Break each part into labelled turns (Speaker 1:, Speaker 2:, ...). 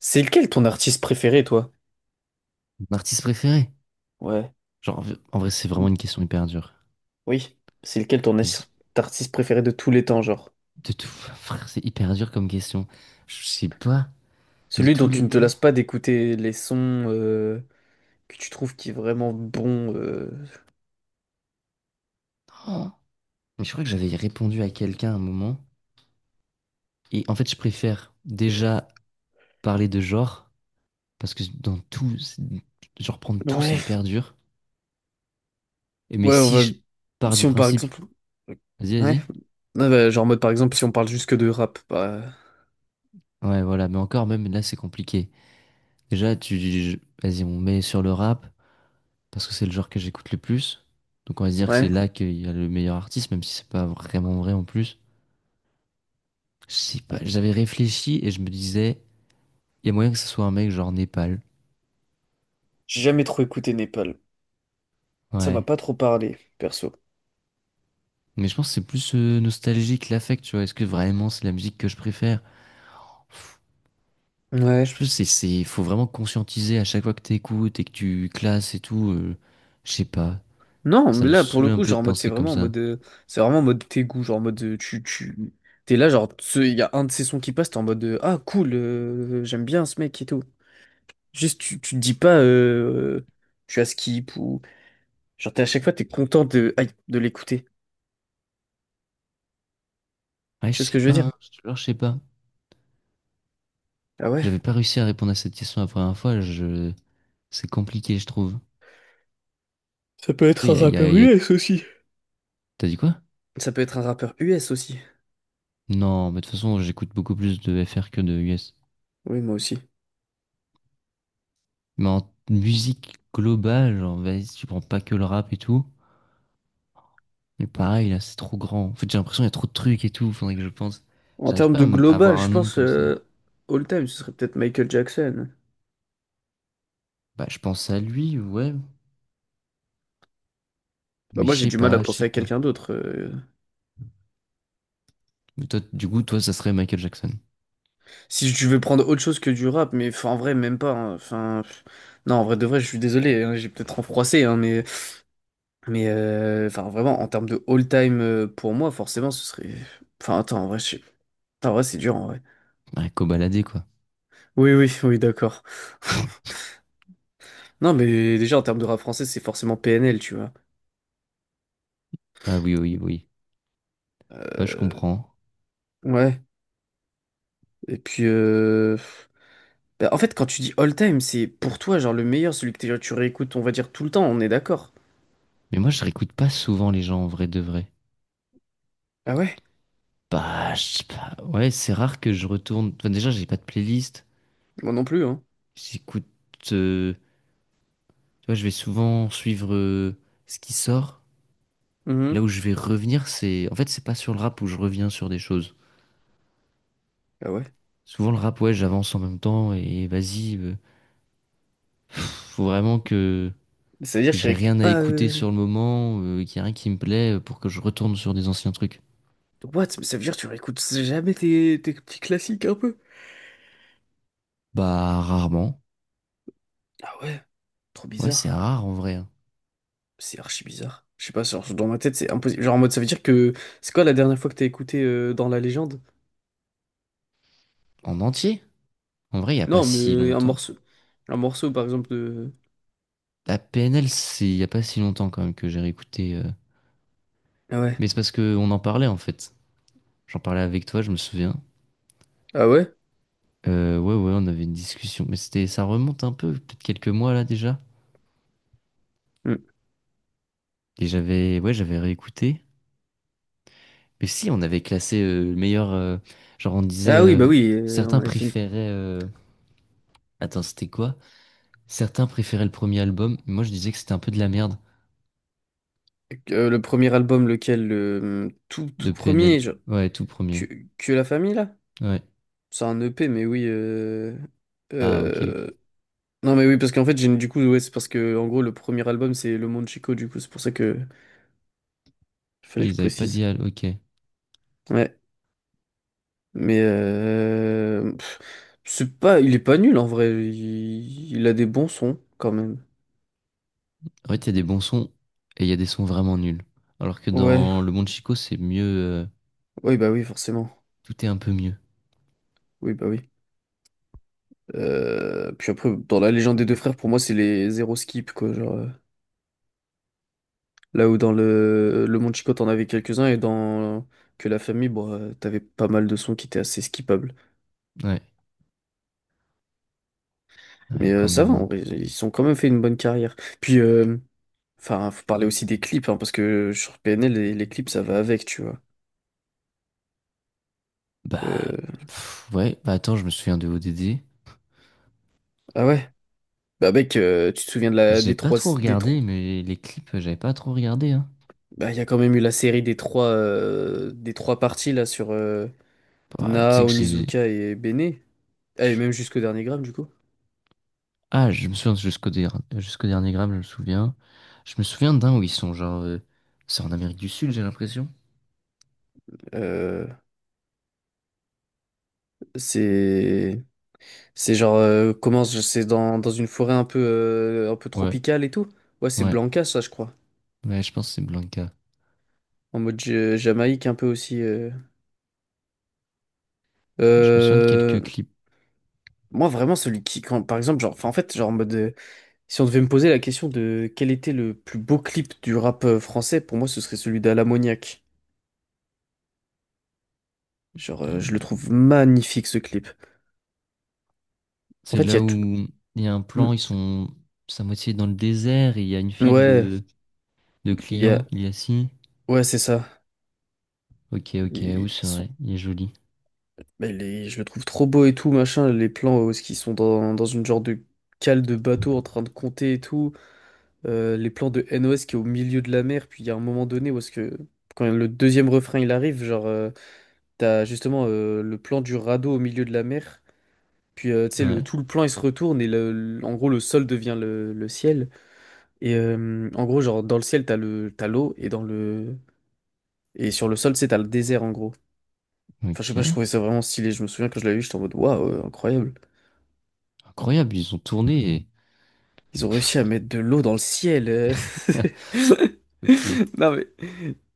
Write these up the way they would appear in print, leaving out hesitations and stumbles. Speaker 1: C'est lequel ton artiste préféré, toi?
Speaker 2: Mon artiste préféré?
Speaker 1: Ouais.
Speaker 2: Genre, en vrai, c'est vraiment
Speaker 1: Mm.
Speaker 2: une question hyper dure.
Speaker 1: Oui. C'est lequel ton
Speaker 2: J-
Speaker 1: artiste préféré de tous les temps, genre?
Speaker 2: De tout, frère, c'est hyper dur comme question. Je sais pas, de
Speaker 1: Celui dont
Speaker 2: tous
Speaker 1: tu
Speaker 2: les
Speaker 1: ne te
Speaker 2: temps.
Speaker 1: lasses pas d'écouter les sons que tu trouves qui est vraiment bon.
Speaker 2: Oh. Mais je crois que j'avais répondu à quelqu'un à un moment. Et en fait, je préfère déjà parler de genre, parce que dans tout, genre prendre tout, c'est
Speaker 1: Ouais.
Speaker 2: hyper dur. Et mais
Speaker 1: Ouais, on
Speaker 2: si
Speaker 1: va.
Speaker 2: je pars
Speaker 1: Si
Speaker 2: du
Speaker 1: on par
Speaker 2: principe,
Speaker 1: exemple.
Speaker 2: vas-y,
Speaker 1: Ouais.
Speaker 2: vas-y.
Speaker 1: Ouais, bah, genre en mode par exemple, si on parle juste que de rap, bah.
Speaker 2: Ouais, voilà, mais encore, même là, c'est compliqué. Déjà, vas-y, on met sur le rap, parce que c'est le genre que j'écoute le plus. Donc on va se dire que c'est
Speaker 1: Ouais.
Speaker 2: là qu'il y a le meilleur artiste, même si c'est pas vraiment vrai en plus. Je sais pas, j'avais réfléchi et je me disais, il y a moyen que ce soit un mec genre Népal.
Speaker 1: J'ai jamais trop écouté Népal. Ça m'a
Speaker 2: Ouais.
Speaker 1: pas trop parlé, perso.
Speaker 2: Mais je pense que c'est plus nostalgique l'affect, tu vois. Est-ce que vraiment c'est la musique que je préfère? Pff, je
Speaker 1: Ouais.
Speaker 2: pense que c'est, faut vraiment conscientiser à chaque fois que t'écoutes et que tu classes et tout. Je sais pas.
Speaker 1: Non,
Speaker 2: Ça
Speaker 1: mais
Speaker 2: me
Speaker 1: là, pour
Speaker 2: saoule
Speaker 1: le
Speaker 2: un
Speaker 1: coup,
Speaker 2: peu
Speaker 1: genre,
Speaker 2: de
Speaker 1: en mode, c'est
Speaker 2: penser comme
Speaker 1: vraiment en
Speaker 2: ça.
Speaker 1: mode, c'est vraiment en mode tes goûts, genre, en mode, tu, t'es là, genre, il y a un de ces sons qui passe, t'es en mode, ah, cool, j'aime bien ce mec et tout. Juste, tu te dis pas, tu as skip ou, genre, t'es à chaque fois, t'es content de, aïe, de l'écouter.
Speaker 2: Ouais,
Speaker 1: Tu
Speaker 2: je
Speaker 1: vois ce que
Speaker 2: sais
Speaker 1: je veux
Speaker 2: pas,
Speaker 1: dire?
Speaker 2: hein, je te jure, je sais pas.
Speaker 1: Ah ouais.
Speaker 2: J'avais pas réussi à répondre à cette question la première fois. Je... C'est compliqué, je trouve.
Speaker 1: Ça peut
Speaker 2: Toi,
Speaker 1: être un rappeur US aussi.
Speaker 2: t'as dit quoi?
Speaker 1: Ça peut être un rappeur US aussi.
Speaker 2: Non, mais de toute façon, j'écoute beaucoup plus de FR que de US.
Speaker 1: Oui, moi aussi.
Speaker 2: Mais en musique globale, genre, vas-y, si tu prends pas que le rap et tout. Mais pareil, là, c'est trop grand. En fait, j'ai l'impression qu'il y a trop de trucs et tout, faudrait que je pense.
Speaker 1: En
Speaker 2: J'arrive
Speaker 1: termes
Speaker 2: pas
Speaker 1: de
Speaker 2: à
Speaker 1: global,
Speaker 2: avoir
Speaker 1: je
Speaker 2: un nom
Speaker 1: pense,
Speaker 2: comme ça.
Speaker 1: all time, ce serait peut-être Michael Jackson.
Speaker 2: Bah, je pense à lui, ouais.
Speaker 1: Bah,
Speaker 2: Mais
Speaker 1: moi,
Speaker 2: je
Speaker 1: j'ai
Speaker 2: sais
Speaker 1: du mal à
Speaker 2: pas, je sais
Speaker 1: penser à
Speaker 2: pas.
Speaker 1: quelqu'un d'autre.
Speaker 2: Mais toi, du coup, toi, ça serait Michael Jackson.
Speaker 1: Si tu veux prendre autre chose que du rap, mais enfin, en vrai, même pas. Hein. Enfin, pff, non, en vrai, de vrai, je suis désolé, hein, j'ai peut-être renfroissé, hein, mais, enfin, vraiment, en termes de all-time pour moi, forcément, ce serait. Enfin, attends, en vrai, enfin, en vrai, c'est dur, en vrai.
Speaker 2: Ouais, cobaladé, quoi.
Speaker 1: Oui, oui, oui, d'accord. Non, mais déjà, en termes de rap français, c'est forcément PNL, tu vois.
Speaker 2: Ah oui, oui, oui. Ouais, je
Speaker 1: Euh,
Speaker 2: comprends.
Speaker 1: ouais. Et puis, bah, en fait, quand tu dis all-time, c'est pour toi, genre, le meilleur, celui que tu réécoutes, on va dire, tout le temps, on est d'accord.
Speaker 2: Mais moi, je réécoute pas souvent les gens en vrai de vrai.
Speaker 1: Ah ouais?
Speaker 2: Bah, je sais pas. Ouais, c'est rare que je retourne. Enfin, déjà, j'ai pas de playlist.
Speaker 1: Moi non plus, hein.
Speaker 2: J'écoute, euh, tu vois, je vais souvent suivre ce qui sort.
Speaker 1: Mhm.
Speaker 2: Là où je vais revenir, en fait, c'est pas sur le rap où je reviens sur des choses.
Speaker 1: Ah ouais.
Speaker 2: Souvent le rap, ouais, j'avance en même temps et vas-y, faut vraiment que
Speaker 1: Ça veut dire
Speaker 2: que
Speaker 1: que tu
Speaker 2: j'ai
Speaker 1: réécoutes
Speaker 2: rien à
Speaker 1: pas.
Speaker 2: écouter sur le moment, qu'il y a rien qui me plaît pour que je retourne sur des anciens trucs.
Speaker 1: What? Mais ça veut dire que tu réécoutes jamais tes, tes petits classiques un peu?
Speaker 2: Bah rarement.
Speaker 1: Ah ouais, trop
Speaker 2: Ouais, c'est
Speaker 1: bizarre.
Speaker 2: rare en vrai, hein.
Speaker 1: C'est archi bizarre. Je sais pas, genre, dans ma tête, c'est impossible. Genre en mode, ça veut dire que. C'est quoi la dernière fois que t'as écouté dans la légende?
Speaker 2: En entier. En vrai, il y a pas
Speaker 1: Non,
Speaker 2: si
Speaker 1: mais un
Speaker 2: longtemps.
Speaker 1: morceau. Un morceau, par exemple, de.
Speaker 2: La PNL, c'est il y a pas si longtemps quand même que j'ai réécouté.
Speaker 1: Ah ouais.
Speaker 2: Mais c'est parce que on en parlait en fait. J'en parlais avec toi, je me souviens.
Speaker 1: Ah ouais?
Speaker 2: Ouais, ouais, on avait une discussion, mais ça remonte un peu, peut-être quelques mois là déjà.
Speaker 1: Hmm.
Speaker 2: Et ouais, j'avais réécouté. Mais si, on avait classé le meilleur, genre on disait,
Speaker 1: Ah oui, bah oui, on
Speaker 2: certains
Speaker 1: avait fait
Speaker 2: préféraient, attends, c'était quoi? Certains préféraient le premier album, mais moi je disais que c'était un peu de la merde
Speaker 1: Le premier album, lequel? Le tout, tout
Speaker 2: de PNL.
Speaker 1: premier, genre.
Speaker 2: Ouais, tout
Speaker 1: Que,
Speaker 2: premier.
Speaker 1: que la famille, là?
Speaker 2: Ouais.
Speaker 1: C'est un EP, mais oui.
Speaker 2: Ah, ok, ok.
Speaker 1: Euh, Non mais oui parce qu'en fait j'ai du coup ouais c'est parce que en gros le premier album c'est Le Monde Chico, du coup c'est pour ça que fallait
Speaker 2: Ouais,
Speaker 1: que je
Speaker 2: ils avaient pas dit,
Speaker 1: précise.
Speaker 2: ok.
Speaker 1: Ouais, mais pff, c'est pas, il est pas nul en vrai, il a des bons sons quand même.
Speaker 2: En fait, il y a des bons sons et il y a des sons vraiment nuls. Alors que
Speaker 1: Ouais,
Speaker 2: dans Le Monde Chico, c'est mieux,
Speaker 1: oui bah oui forcément,
Speaker 2: tout est un peu mieux.
Speaker 1: oui bah oui. Puis après, dans la légende des deux frères, pour moi c'est les zéro skip, quoi, genre là où dans le Monde Chico t'en avais quelques-uns, et dans que la famille bon, t'avais pas mal de sons qui étaient assez skippables,
Speaker 2: Ouais,
Speaker 1: mais
Speaker 2: ouais, quand
Speaker 1: ça va,
Speaker 2: même,
Speaker 1: en
Speaker 2: hein.
Speaker 1: vrai ils ont quand même fait une bonne carrière. Puis, enfin, faut parler aussi des clips, hein, parce que sur PNL, les clips, ça va avec, tu vois.
Speaker 2: Bah,
Speaker 1: Euh,
Speaker 2: pff, ouais, bah attends, je me souviens de ODD.
Speaker 1: Ah ouais? Bah mec, tu te souviens de
Speaker 2: Mais
Speaker 1: la
Speaker 2: j'ai
Speaker 1: des
Speaker 2: pas
Speaker 1: trois
Speaker 2: trop
Speaker 1: des trois.
Speaker 2: regardé, mais les clips, j'avais pas trop regardé, hein.
Speaker 1: Bah il y a quand même eu la série des trois parties là sur
Speaker 2: Bah, tu
Speaker 1: Na,
Speaker 2: sais que j'ai...
Speaker 1: Onizuka et Bene. Ah, et
Speaker 2: je-
Speaker 1: même jusqu'au dernier gramme du coup.
Speaker 2: Ah, je me souviens jusqu'au dernier gramme, je me souviens. Je me souviens d'un où ils sont genre... C'est en Amérique du Sud, j'ai l'impression.
Speaker 1: Euh, c'est c'est genre c'est dans, dans une forêt un peu
Speaker 2: Ouais,
Speaker 1: tropicale et tout. Ouais, c'est
Speaker 2: ouais.
Speaker 1: Blanca ça, je crois.
Speaker 2: Ouais, je pense que c'est Blanca.
Speaker 1: En mode Jamaïque un peu aussi.
Speaker 2: Ouais, je me souviens de
Speaker 1: Euh,
Speaker 2: quelques clips.
Speaker 1: Moi, vraiment, celui qui, quand, par exemple, genre, enfin, en fait, genre, en mode, si on devait me poser la question de quel était le plus beau clip du rap français, pour moi, ce serait celui d'Alamoniac. Genre, je le
Speaker 2: Hmm,
Speaker 1: trouve magnifique, ce clip. En
Speaker 2: c'est
Speaker 1: fait, il y a
Speaker 2: là
Speaker 1: tout.
Speaker 2: où il y a un
Speaker 1: Mm.
Speaker 2: plan, ils sont... C'est à moitié dans le désert, et il y a une file
Speaker 1: Ouais,
Speaker 2: de
Speaker 1: il y a,
Speaker 2: clients, il y a si.
Speaker 1: ouais, c'est ça.
Speaker 2: Ok, ok,
Speaker 1: Ils
Speaker 2: où c'est
Speaker 1: sont,
Speaker 2: vrai, il est joli.
Speaker 1: mais je le trouve trop beau et tout, machin. Les plans où ils sont dans, dans une genre de cale de bateau en train de compter et tout. Les plans de NOS qui est au milieu de la mer. Puis il y a un moment donné où est-ce que, quand le deuxième refrain il arrive, genre. T'as justement le plan du radeau au milieu de la mer. Puis tu sais,
Speaker 2: Ouais.
Speaker 1: le, tout le plan il se retourne et le, en gros le sol devient le ciel. Et en gros, genre dans le ciel, t'as le, t'as l'eau, et dans le. Et sur le sol, tu sais, t'as le désert en gros. Enfin, je sais pas, je
Speaker 2: Ok.
Speaker 1: trouvais ça vraiment stylé. Je me souviens quand je l'avais vu, j'étais en mode waouh, incroyable.
Speaker 2: Incroyable, ils ont tourné.
Speaker 1: Ils ont réussi à mettre de l'eau dans le ciel.
Speaker 2: et- Ok.
Speaker 1: Non mais.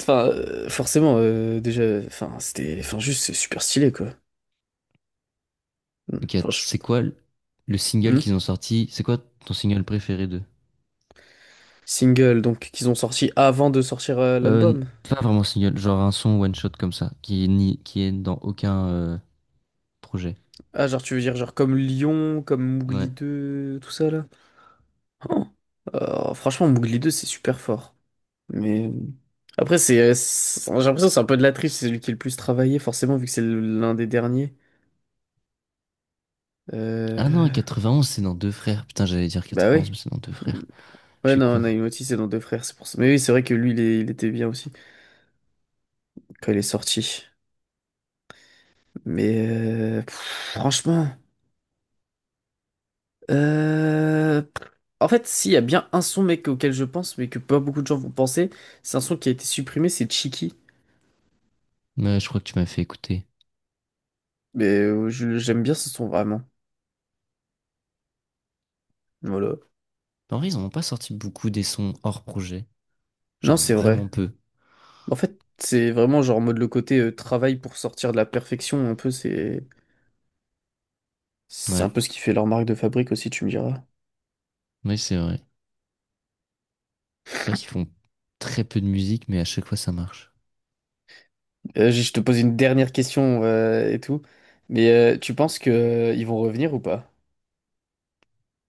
Speaker 1: Enfin, forcément, déjà, enfin, c'était. Enfin, juste, c'est super stylé, quoi.
Speaker 2: Ok,
Speaker 1: Enfin,
Speaker 2: c'est quoi le single
Speaker 1: Hmm.
Speaker 2: qu'ils ont sorti? C'est quoi ton single préféré d'eux?
Speaker 1: Single, donc, qu'ils ont sorti avant de sortir
Speaker 2: Euh, n-
Speaker 1: l'album.
Speaker 2: Pas vraiment single, genre un son one shot comme ça, qui est dans aucun projet.
Speaker 1: Ah, genre, tu veux dire, genre, comme Lyon, comme Mougli
Speaker 2: Ouais.
Speaker 1: deux, tout ça, là? Oh. Franchement, Mougli deux c'est super fort. Mais après, c'est, j'ai l'impression que c'est un peu de la triche, c'est celui qui est le plus travaillé, forcément, vu que c'est l'un des derniers.
Speaker 2: Ah non,
Speaker 1: Euh,
Speaker 2: 91, c'est dans Deux Frères. Putain, j'allais dire
Speaker 1: Bah
Speaker 2: 91,
Speaker 1: oui.
Speaker 2: mais c'est dans Deux Frères. Je
Speaker 1: Ouais,
Speaker 2: suis
Speaker 1: non,
Speaker 2: con.
Speaker 1: Naimoti, c'est dans Deux Frères, c'est pour ça. Mais oui, c'est vrai que lui, il était bien aussi, quand il est sorti. Mais pff, franchement. euh, En fait, s'il y a bien un son, mec, auquel je pense, mais que pas beaucoup de gens vont penser, c'est un son qui a été supprimé, c'est Chiki.
Speaker 2: Mais je crois que tu m'as fait écouter.
Speaker 1: Mais j'aime bien ce son vraiment. Voilà.
Speaker 2: En vrai, ils en ont pas sorti beaucoup des sons hors projet.
Speaker 1: Non,
Speaker 2: Genre
Speaker 1: c'est vrai.
Speaker 2: vraiment peu.
Speaker 1: En fait, c'est vraiment genre en mode le côté travail pour sortir de la perfection, un peu, c'est un
Speaker 2: Ouais.
Speaker 1: peu ce qui fait leur marque de fabrique aussi, tu me diras.
Speaker 2: Oui, c'est vrai. C'est vrai qu'ils font très peu de musique, mais à chaque fois ça marche.
Speaker 1: Je te pose une dernière question et tout. Mais tu penses que ils vont revenir ou pas?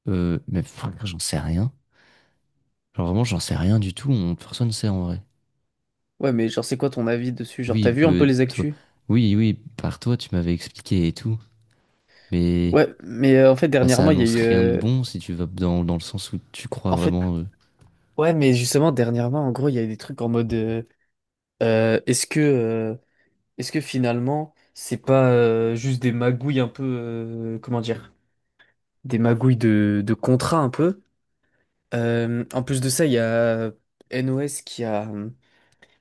Speaker 2: Mais frère, j'en sais rien. Genre vraiment, j'en sais rien du tout. Personne ne sait en vrai.
Speaker 1: Ouais, mais genre c'est quoi ton avis dessus? Genre t'as
Speaker 2: Oui,
Speaker 1: vu un peu les
Speaker 2: toi,
Speaker 1: actus?
Speaker 2: oui, oui, par toi, tu m'avais expliqué et tout. Mais
Speaker 1: Ouais, mais en fait
Speaker 2: bah, ça
Speaker 1: dernièrement il y a
Speaker 2: annonce
Speaker 1: eu
Speaker 2: rien de bon si tu vas dans le sens où tu crois
Speaker 1: en fait,
Speaker 2: vraiment
Speaker 1: ouais, mais justement dernièrement, en gros il y a eu des trucs en mode, euh, est-ce que Est-ce que finalement, c'est pas juste des magouilles un peu, comment dire, des magouilles de contrat un peu? En plus de ça, il y a NOS qui a,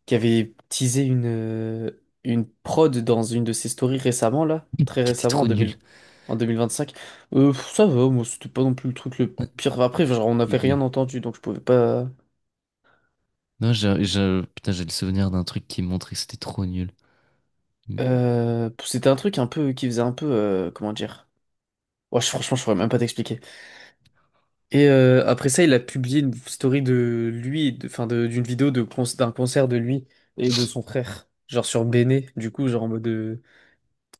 Speaker 1: qui avait teasé une, une prod dans une de ses stories récemment, là, très
Speaker 2: qu'il était
Speaker 1: récemment, en
Speaker 2: trop
Speaker 1: 2000
Speaker 2: nul.
Speaker 1: en 2025. Pff, ça va, moi, c'était pas non plus le truc le
Speaker 2: Euh,
Speaker 1: pire. Enfin, après, genre, on n'avait rien
Speaker 2: Ok.
Speaker 1: entendu, donc je pouvais pas.
Speaker 2: Non, putain, j'ai le souvenir d'un truc qui montrait que c'était trop nul. Mais
Speaker 1: C'était un truc un peu qui faisait un peu, comment dire? Ouais, franchement, je pourrais même pas t'expliquer. Et après ça, il a publié une story de lui, enfin d'une vidéo d'un concert de lui et de son frère, genre sur Bene, du coup, genre en mode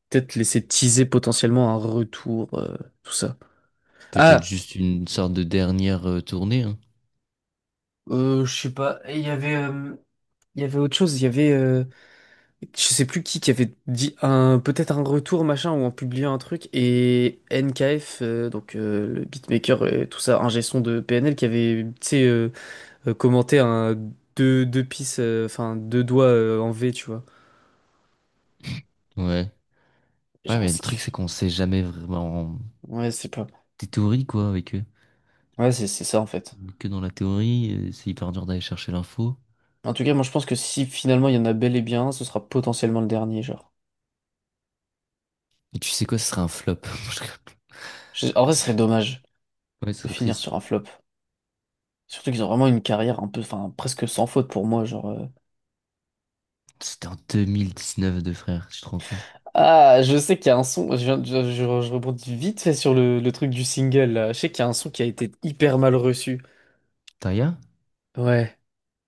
Speaker 1: peut-être laisser teaser potentiellement un retour, tout ça.
Speaker 2: peut-être
Speaker 1: Ah,
Speaker 2: juste une sorte de dernière tournée, hein.
Speaker 1: je sais pas. Et il y avait autre chose, il y avait, je sais plus qui avait dit un peut-être un retour machin, ou en publiant un truc, et NKF, donc le beatmaker et tout ça, un son de PNL qui avait, tu sais, commenter un deux pistes, enfin deux doigts en V, tu vois.
Speaker 2: Ouais. Ouais,
Speaker 1: Genre,
Speaker 2: mais le truc, c'est qu'on sait jamais vraiment
Speaker 1: ouais, c'est pas.
Speaker 2: des théories, quoi, avec eux.
Speaker 1: Ouais, c'est ça, en fait.
Speaker 2: Que dans la théorie, c'est hyper dur d'aller chercher l'info.
Speaker 1: En tout cas, moi, je pense que si finalement il y en a bel et bien, un, ce sera potentiellement le dernier, genre.
Speaker 2: Et tu sais quoi, ce serait un flop.
Speaker 1: En vrai, ce serait dommage
Speaker 2: Ouais, ce
Speaker 1: de
Speaker 2: serait
Speaker 1: finir
Speaker 2: triste.
Speaker 1: sur un flop. Surtout qu'ils ont vraiment une carrière un peu, enfin, presque sans faute pour moi, genre.
Speaker 2: C'était en 2019, de frère, tu te rends compte.
Speaker 1: Ah, je sais qu'il y a un son, je, viens de- je rebondis vite fait sur le truc du single, là. Je sais qu'il y a un son qui a été hyper mal reçu.
Speaker 2: Taya?
Speaker 1: Ouais.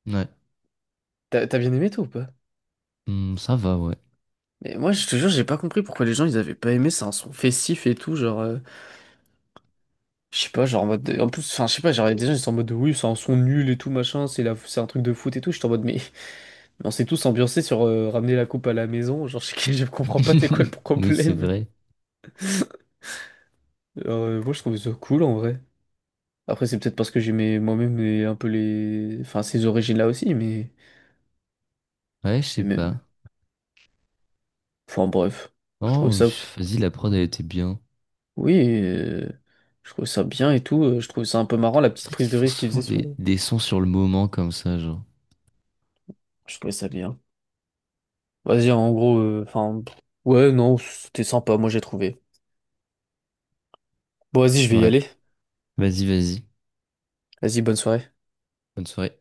Speaker 2: Ouais.
Speaker 1: T'as bien aimé, toi, ou pas?
Speaker 2: Hmm, ça va, ouais.
Speaker 1: Mais moi, je te jure, j'ai pas compris pourquoi les gens ils avaient pas aimé. C'est un son festif et tout, genre, je sais pas, genre en mode. En plus, enfin, je sais pas, genre, des gens ils sont en mode de, oui, c'est un son nul et tout, machin, c'est la. C'est un truc de foot et tout. J'étais en mode, mais on s'est tous ambiancés sur ramener la coupe à la maison. Genre, je, je comprends pas, c'est quoi le
Speaker 2: Oui, c'est
Speaker 1: problème.
Speaker 2: vrai.
Speaker 1: Alors, moi, je trouvais ça cool en vrai. Après, c'est peut-être parce que j'aimais moi-même un peu les. Enfin, ces origines-là aussi, mais.
Speaker 2: Ouais, je
Speaker 1: et
Speaker 2: sais
Speaker 1: même-
Speaker 2: pas.
Speaker 1: Enfin, bref, je trouvais
Speaker 2: Oh,
Speaker 1: ça.
Speaker 2: pff, vas-y, la prod, elle était bien.
Speaker 1: Oui, euh, je trouvais ça bien et tout. Je trouvais ça un peu marrant, la
Speaker 2: C'est
Speaker 1: petite
Speaker 2: vrai
Speaker 1: prise
Speaker 2: qu'ils
Speaker 1: de
Speaker 2: font
Speaker 1: risque qu'ils faisaient
Speaker 2: souvent
Speaker 1: sur
Speaker 2: des,
Speaker 1: le.
Speaker 2: des sons sur le moment comme ça, genre.
Speaker 1: Je trouvais ça bien. Vas-y, en gros, enfin, ouais, non, c'était sympa, moi j'ai trouvé. Bon, vas-y, je vais y
Speaker 2: Ouais.
Speaker 1: aller.
Speaker 2: Vas-y, vas-y.
Speaker 1: Vas-y, bonne soirée.
Speaker 2: Bonne soirée.